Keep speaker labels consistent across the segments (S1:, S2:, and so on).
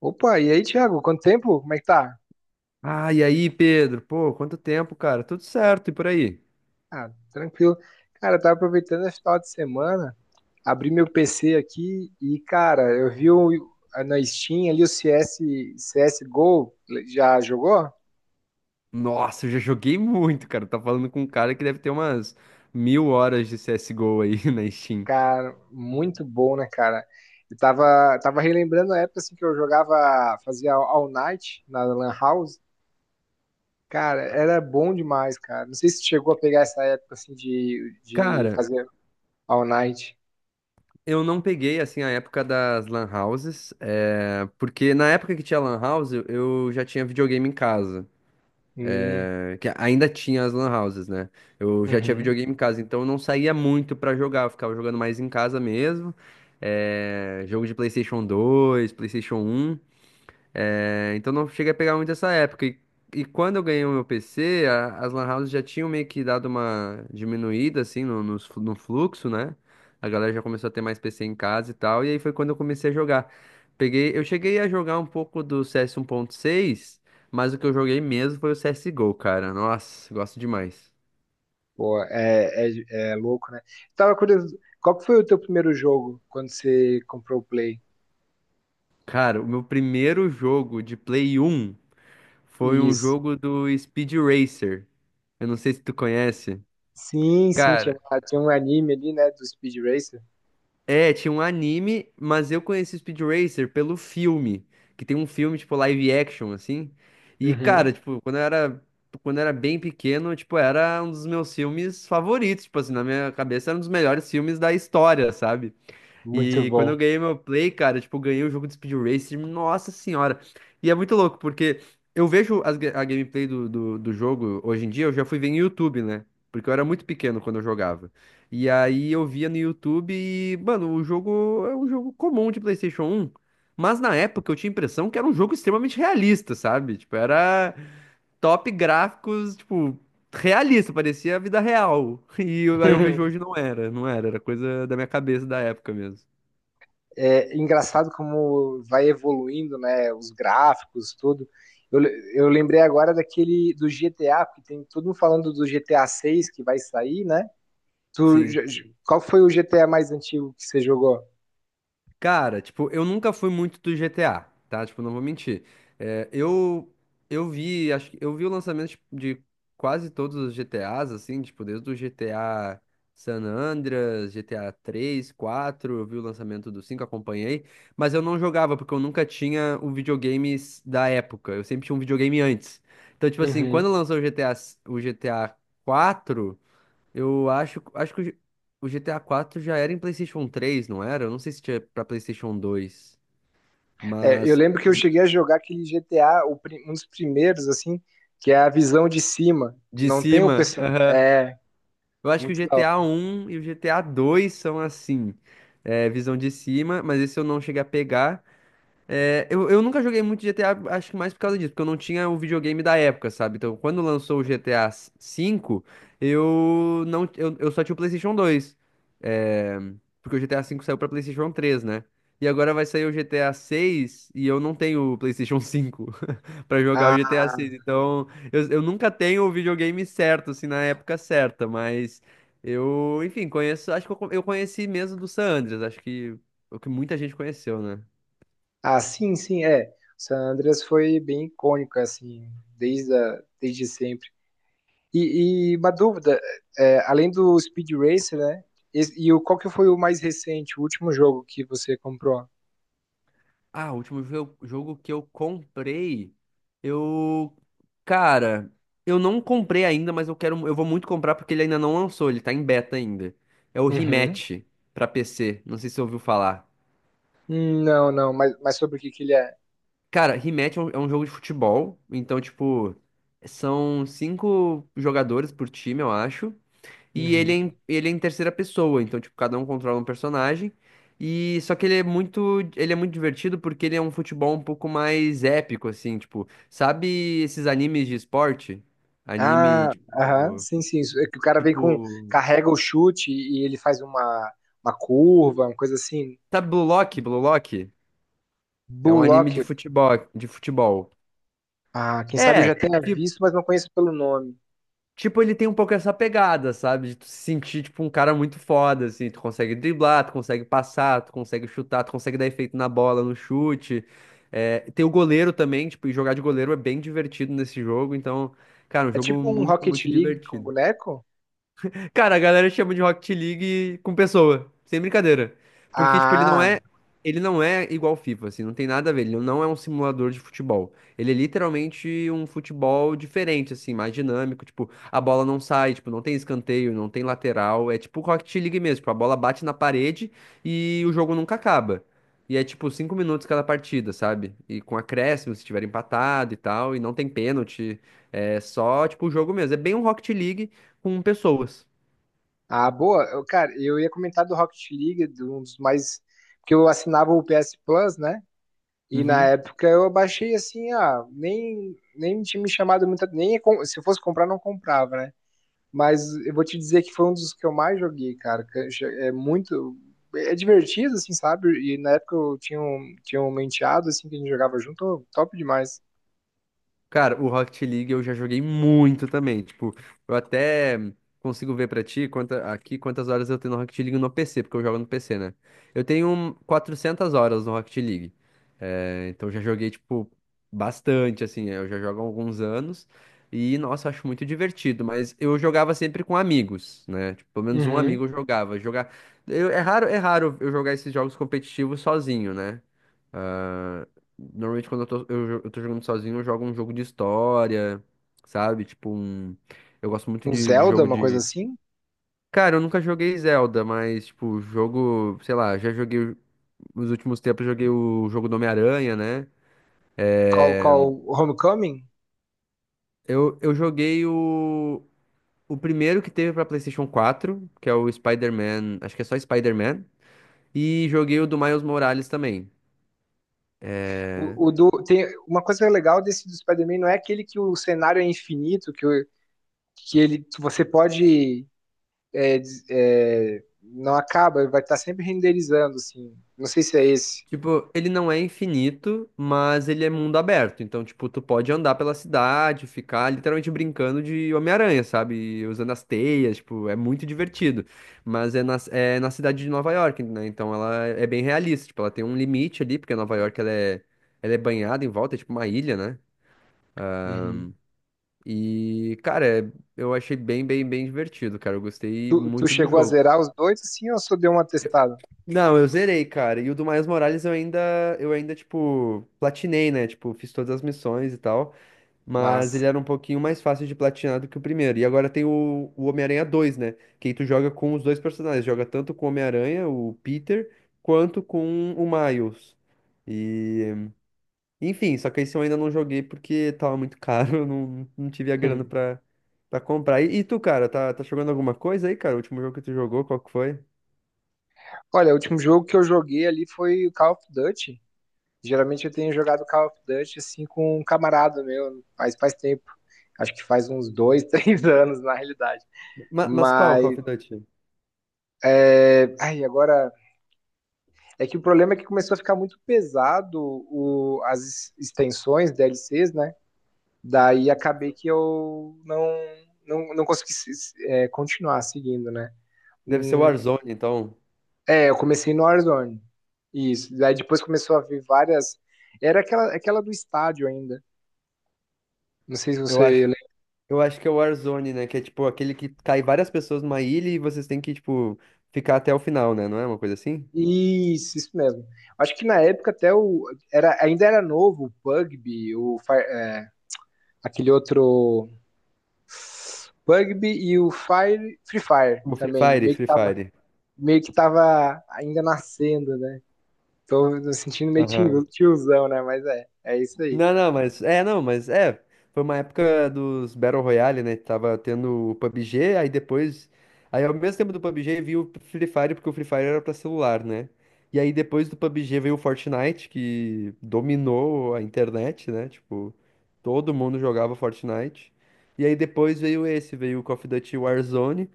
S1: Opa, e aí, Thiago? Quanto tempo? Como é que tá?
S2: Ah, e aí, Pedro? Pô, quanto tempo, cara? Tudo certo e por aí?
S1: Ah, tranquilo. Cara, eu tava aproveitando esse final de semana, abri meu PC aqui e, cara, na Steam ali o CSGO, já jogou?
S2: Nossa, eu já joguei muito, cara. Tá falando com um cara que deve ter umas mil horas de CSGO aí na Steam.
S1: Cara, muito bom, né, cara? Eu tava relembrando a época assim, que eu jogava, fazia All Night na Lan House. Cara, era bom demais, cara. Não sei se chegou a pegar essa época assim de
S2: Cara,
S1: fazer All Night.
S2: eu não peguei, assim, a época das lan houses, é, porque na época que tinha lan house, eu já tinha videogame em casa,
S1: Hum,
S2: é, que ainda tinha as lan houses, né? Eu já tinha
S1: uhum.
S2: videogame em casa, então eu não saía muito pra jogar, eu ficava jogando mais em casa mesmo. É, jogo de PlayStation 2, PlayStation um. É, então não cheguei a pegar muito essa época. E quando eu ganhei o meu PC, as lan houses já tinham meio que dado uma diminuída, assim, no fluxo, né? A galera já começou a ter mais PC em casa e tal, e aí foi quando eu comecei a jogar. Eu cheguei a jogar um pouco do CS 1.6, mas o que eu joguei mesmo foi o CSGO, cara. Nossa, gosto demais.
S1: Pô, é louco, né? Tava curioso, qual que foi o teu primeiro jogo quando você comprou o Play?
S2: Cara, o meu primeiro jogo de Play 1 foi um
S1: Isso.
S2: jogo do Speed Racer. Eu não sei se tu conhece.
S1: Sim, sim,
S2: Cara,
S1: tinha um anime ali, né, do Speed Racer.
S2: é, tinha um anime, mas eu conheci o Speed Racer pelo filme, que tem um filme, tipo, live action, assim. E,
S1: Uhum.
S2: cara, tipo, quando eu era bem pequeno, tipo, era um dos meus filmes favoritos, tipo, assim, na minha cabeça era um dos melhores filmes da história, sabe?
S1: Muito
S2: E quando
S1: bom.
S2: eu ganhei meu play, cara, tipo, eu ganhei o jogo de Speed Racer, nossa senhora. E é muito louco, porque eu vejo a gameplay do jogo hoje em dia, eu já fui ver no YouTube, né? Porque eu era muito pequeno quando eu jogava. E aí eu via no YouTube e, mano, o jogo é um jogo comum de PlayStation um. Mas na época eu tinha a impressão que era um jogo extremamente realista, sabe? Tipo, era top gráficos, tipo, realista, parecia a vida real. Aí eu vejo hoje não era, era coisa da minha cabeça da época mesmo.
S1: É engraçado como vai evoluindo, né, os gráficos, tudo. Eu lembrei agora daquele do GTA, porque tem todo mundo falando do GTA 6 que vai sair, né?
S2: Sim.
S1: Qual foi o GTA mais antigo que você jogou?
S2: Cara, tipo, eu nunca fui muito do GTA, tá? Tipo, não vou mentir. É, eu, eu vi, acho que eu vi o lançamento tipo, de quase todos os GTAs, assim, tipo, desde o GTA San Andreas, GTA 3 quatro, eu vi o lançamento do cinco, acompanhei, mas eu não jogava, porque eu nunca tinha o videogame da época. Eu sempre tinha um videogame antes. Então, tipo assim, quando lançou o GTA, s- o GTA quatro. Eu acho, acho que o GTA 4 já era em PlayStation 3, não era? Eu não sei se tinha pra PlayStation 2,
S1: É, eu
S2: mas
S1: lembro que eu cheguei a jogar aquele GTA, um dos primeiros, assim, que é a visão de cima.
S2: de
S1: Não tem o
S2: cima,
S1: pessoal.
S2: aham.
S1: É,
S2: Eu acho que o
S1: muito da
S2: GTA
S1: hora.
S2: 1 e o GTA 2 são assim, é, visão de cima, mas esse eu não cheguei a pegar. Eu nunca joguei muito GTA, acho que mais por causa disso, porque eu não tinha o videogame da época, sabe? Então, quando lançou o GTA V, eu não, eu só tinha o PlayStation 2. É, porque o GTA V saiu pra PlayStation 3, né? E agora vai sair o GTA 6 e eu não tenho o PlayStation 5 pra jogar o GTA
S1: Ah,
S2: 6. Então, eu nunca tenho o videogame certo, assim, na época certa, mas enfim, conheço, acho que eu conheci mesmo do San Andreas, acho que é o que muita gente conheceu, né?
S1: ah, sim, sim, é. San Andreas foi bem icônico, assim, desde sempre. E uma dúvida, é, além do Speed Racer, né? Qual que foi o mais recente, o último jogo que você comprou?
S2: Ah, o último jogo que eu comprei, eu, cara, eu não comprei ainda, mas eu quero, eu vou muito comprar porque ele ainda não lançou, ele tá em beta ainda. É o
S1: Uhum.
S2: Rematch pra PC, não sei se você ouviu falar.
S1: Não, não, mas sobre o que que ele é?
S2: Cara, Rematch é um jogo de futebol, então tipo, são cinco jogadores por time, eu acho. E ele é em terceira pessoa, então, tipo, cada um controla um personagem. E só que ele é muito divertido porque ele é um futebol um pouco mais épico, assim, tipo, sabe esses animes de esporte? Anime,
S1: Ah, aham,
S2: tipo,
S1: sim, sim, isso. É que o cara vem com.
S2: tipo,
S1: Carrega o chute e ele faz uma curva, uma coisa assim.
S2: sabe Blue Lock? Blue Lock? É um anime
S1: Bullock.
S2: de futebol, de futebol.
S1: Ah, quem sabe eu já
S2: É,
S1: tenha visto, mas não conheço pelo nome.
S2: tipo, ele tem um pouco essa pegada, sabe? De tu se sentir, tipo, um cara muito foda, assim. Tu consegue driblar, tu consegue passar, tu consegue chutar, tu consegue dar efeito na bola, no chute. É, tem o goleiro também, tipo, e jogar de goleiro é bem divertido nesse jogo. Então, cara, um
S1: É
S2: jogo
S1: tipo um
S2: muito,
S1: Rocket
S2: muito
S1: League com
S2: divertido.
S1: boneco?
S2: Cara, a galera chama de Rocket League com pessoa, sem brincadeira. Porque, tipo,
S1: Ah,
S2: ele não é igual ao FIFA, assim, não tem nada a ver. Ele não é um simulador de futebol. Ele é literalmente um futebol diferente, assim, mais dinâmico. Tipo, a bola não sai, tipo, não tem escanteio, não tem lateral. É tipo Rocket League mesmo, tipo, a bola bate na parede e o jogo nunca acaba. E é tipo cinco minutos cada partida, sabe? E com acréscimo, se tiver empatado e tal, e não tem pênalti. É só, tipo, o jogo mesmo. É bem um Rocket League com pessoas.
S1: ah, boa. Eu, cara, eu ia comentar do Rocket League, de um dos mais. Porque eu assinava o PS Plus, né? E na
S2: Uhum.
S1: época eu baixei assim, ah, nem tinha me chamado muita. Nem se eu fosse comprar, não comprava, né? Mas eu vou te dizer que foi um dos que eu mais joguei, cara. É muito. É divertido, assim, sabe? E na época tinha um menteado, assim, que a gente jogava junto, oh, top demais.
S2: Cara, o Rocket League eu já joguei muito também. Tipo, eu até consigo ver pra ti quantas horas eu tenho no Rocket League no PC, porque eu jogo no PC, né? Eu tenho 400 horas no Rocket League. É, então já joguei, tipo, bastante, assim. Eu já jogo há alguns anos. E, nossa, eu acho muito divertido. Mas eu jogava sempre com amigos, né? Tipo, pelo menos um
S1: Uhum.
S2: amigo eu jogava. Jogar... Eu, é raro eu jogar esses jogos competitivos sozinho, né? Ah, normalmente quando eu tô, eu, jo- eu tô jogando sozinho, eu jogo um jogo de história, sabe? Tipo um. Eu gosto muito
S1: Um
S2: de
S1: Zelda,
S2: jogo
S1: uma coisa
S2: de.
S1: assim.
S2: Cara, eu nunca joguei Zelda, mas, tipo, jogo, sei lá, já joguei. Nos últimos tempos eu joguei o jogo do Homem-Aranha, né? É,
S1: Qual Homecoming?
S2: Eu joguei o primeiro que teve pra PlayStation 4, que é o Spider-Man, acho que é só Spider-Man, e joguei o do Miles Morales também.
S1: Tem uma coisa legal desse do Spider-Man, não é aquele que o cenário é infinito, que, o- que ele que você pode é, não acaba, vai estar sempre renderizando assim. Não sei se é esse.
S2: Tipo, ele não é infinito, mas ele é mundo aberto. Então, tipo, tu pode andar pela cidade, ficar literalmente brincando de Homem-Aranha, sabe? Usando as teias, tipo, é muito divertido. Mas é é na cidade de Nova York, né? Então ela é bem realista. Tipo, ela tem um limite ali, porque Nova York ela é banhada em volta, é tipo uma ilha, né? E, cara, é- eu achei bem, bem, bem divertido, cara. Eu gostei
S1: Tu
S2: muito do
S1: chegou a
S2: jogo.
S1: zerar os dois, assim, ou só deu uma testada?
S2: Não, eu zerei, cara. E o do Miles Morales eu ainda, tipo, platinei, né? Tipo, fiz todas as missões e tal. Mas ele
S1: Mas,
S2: era um pouquinho mais fácil de platinar do que o primeiro. E agora tem o Homem-Aranha 2, né? Que aí tu joga com os dois personagens. Joga tanto com o Homem-Aranha, o Peter, quanto com o Miles. E... Enfim, só que esse eu ainda não joguei porque tava muito caro. Eu não, não tive a grana
S1: hum.
S2: pra, pra comprar. E tu, cara, tá jogando alguma coisa aí, cara? O último jogo que tu jogou, qual que foi?
S1: Olha, o último jogo que eu joguei ali foi o Call of Duty. Geralmente eu tenho jogado Call of Duty, assim, com um camarada meu, faz tempo. Acho que faz uns dois, três anos, na realidade.
S2: Mas qual,
S1: Mas,
S2: Call of Duty?
S1: ai, agora, é que o problema é que começou a ficar muito pesado o, as extensões, DLCs, né? Daí acabei que eu não, não consegui continuar seguindo, né?
S2: Deve ser o Warzone, então.
S1: É, eu comecei no Warzone. Isso. Daí depois começou a vir várias. Era aquela do estádio ainda. Não sei se
S2: Eu
S1: você
S2: acho,
S1: lembra.
S2: eu acho que é o Warzone, né? Que é tipo aquele que cai várias pessoas numa ilha e vocês têm que, tipo, ficar até o final, né? Não é uma coisa assim?
S1: Isso mesmo. Acho que na época até o. Era, ainda era novo o Pugby, aquele outro. Pugby e o Fire, Free Fire
S2: O Free
S1: também.
S2: Fire, Free Fire.
S1: Meio que tava ainda nascendo, né? Tô me sentindo meio
S2: Aham.
S1: tiozão, né? Mas é, é isso aí.
S2: Não, não, mas é, não, mas é. Foi uma época dos Battle Royale, né? Tava tendo o PUBG, aí depois. Aí ao mesmo tempo do PUBG veio o Free Fire, porque o Free Fire era pra celular, né? E aí depois do PUBG veio o Fortnite, que dominou a internet, né? Tipo, todo mundo jogava Fortnite. E aí veio o Call of Duty Warzone,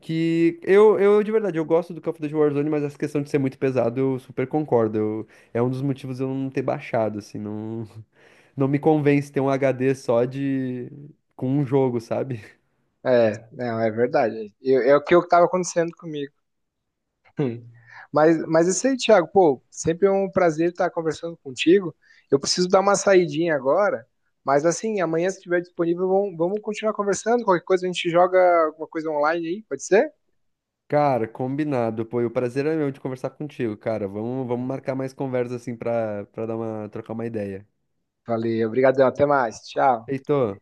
S2: que eu de verdade, eu gosto do Call of Duty Warzone, mas essa questão de ser muito pesado, eu super concordo. É um dos motivos eu não ter baixado, assim, não. Não me convence ter um HD só de. Com um jogo, sabe?
S1: É, não, é verdade. É o que eu tava acontecendo comigo. Hum. Mas isso aí, Thiago, pô, sempre é um prazer estar conversando contigo. Eu preciso dar uma saidinha agora, mas assim, amanhã, se estiver disponível, vamos continuar conversando. Qualquer coisa a gente joga alguma coisa online aí, pode ser?
S2: Cara, combinado. Pô, e o prazer é meu de conversar contigo, cara. Vamos marcar mais conversas assim pra, pra dar uma, trocar uma ideia.
S1: Valeu, obrigado, até mais, tchau.
S2: Feito.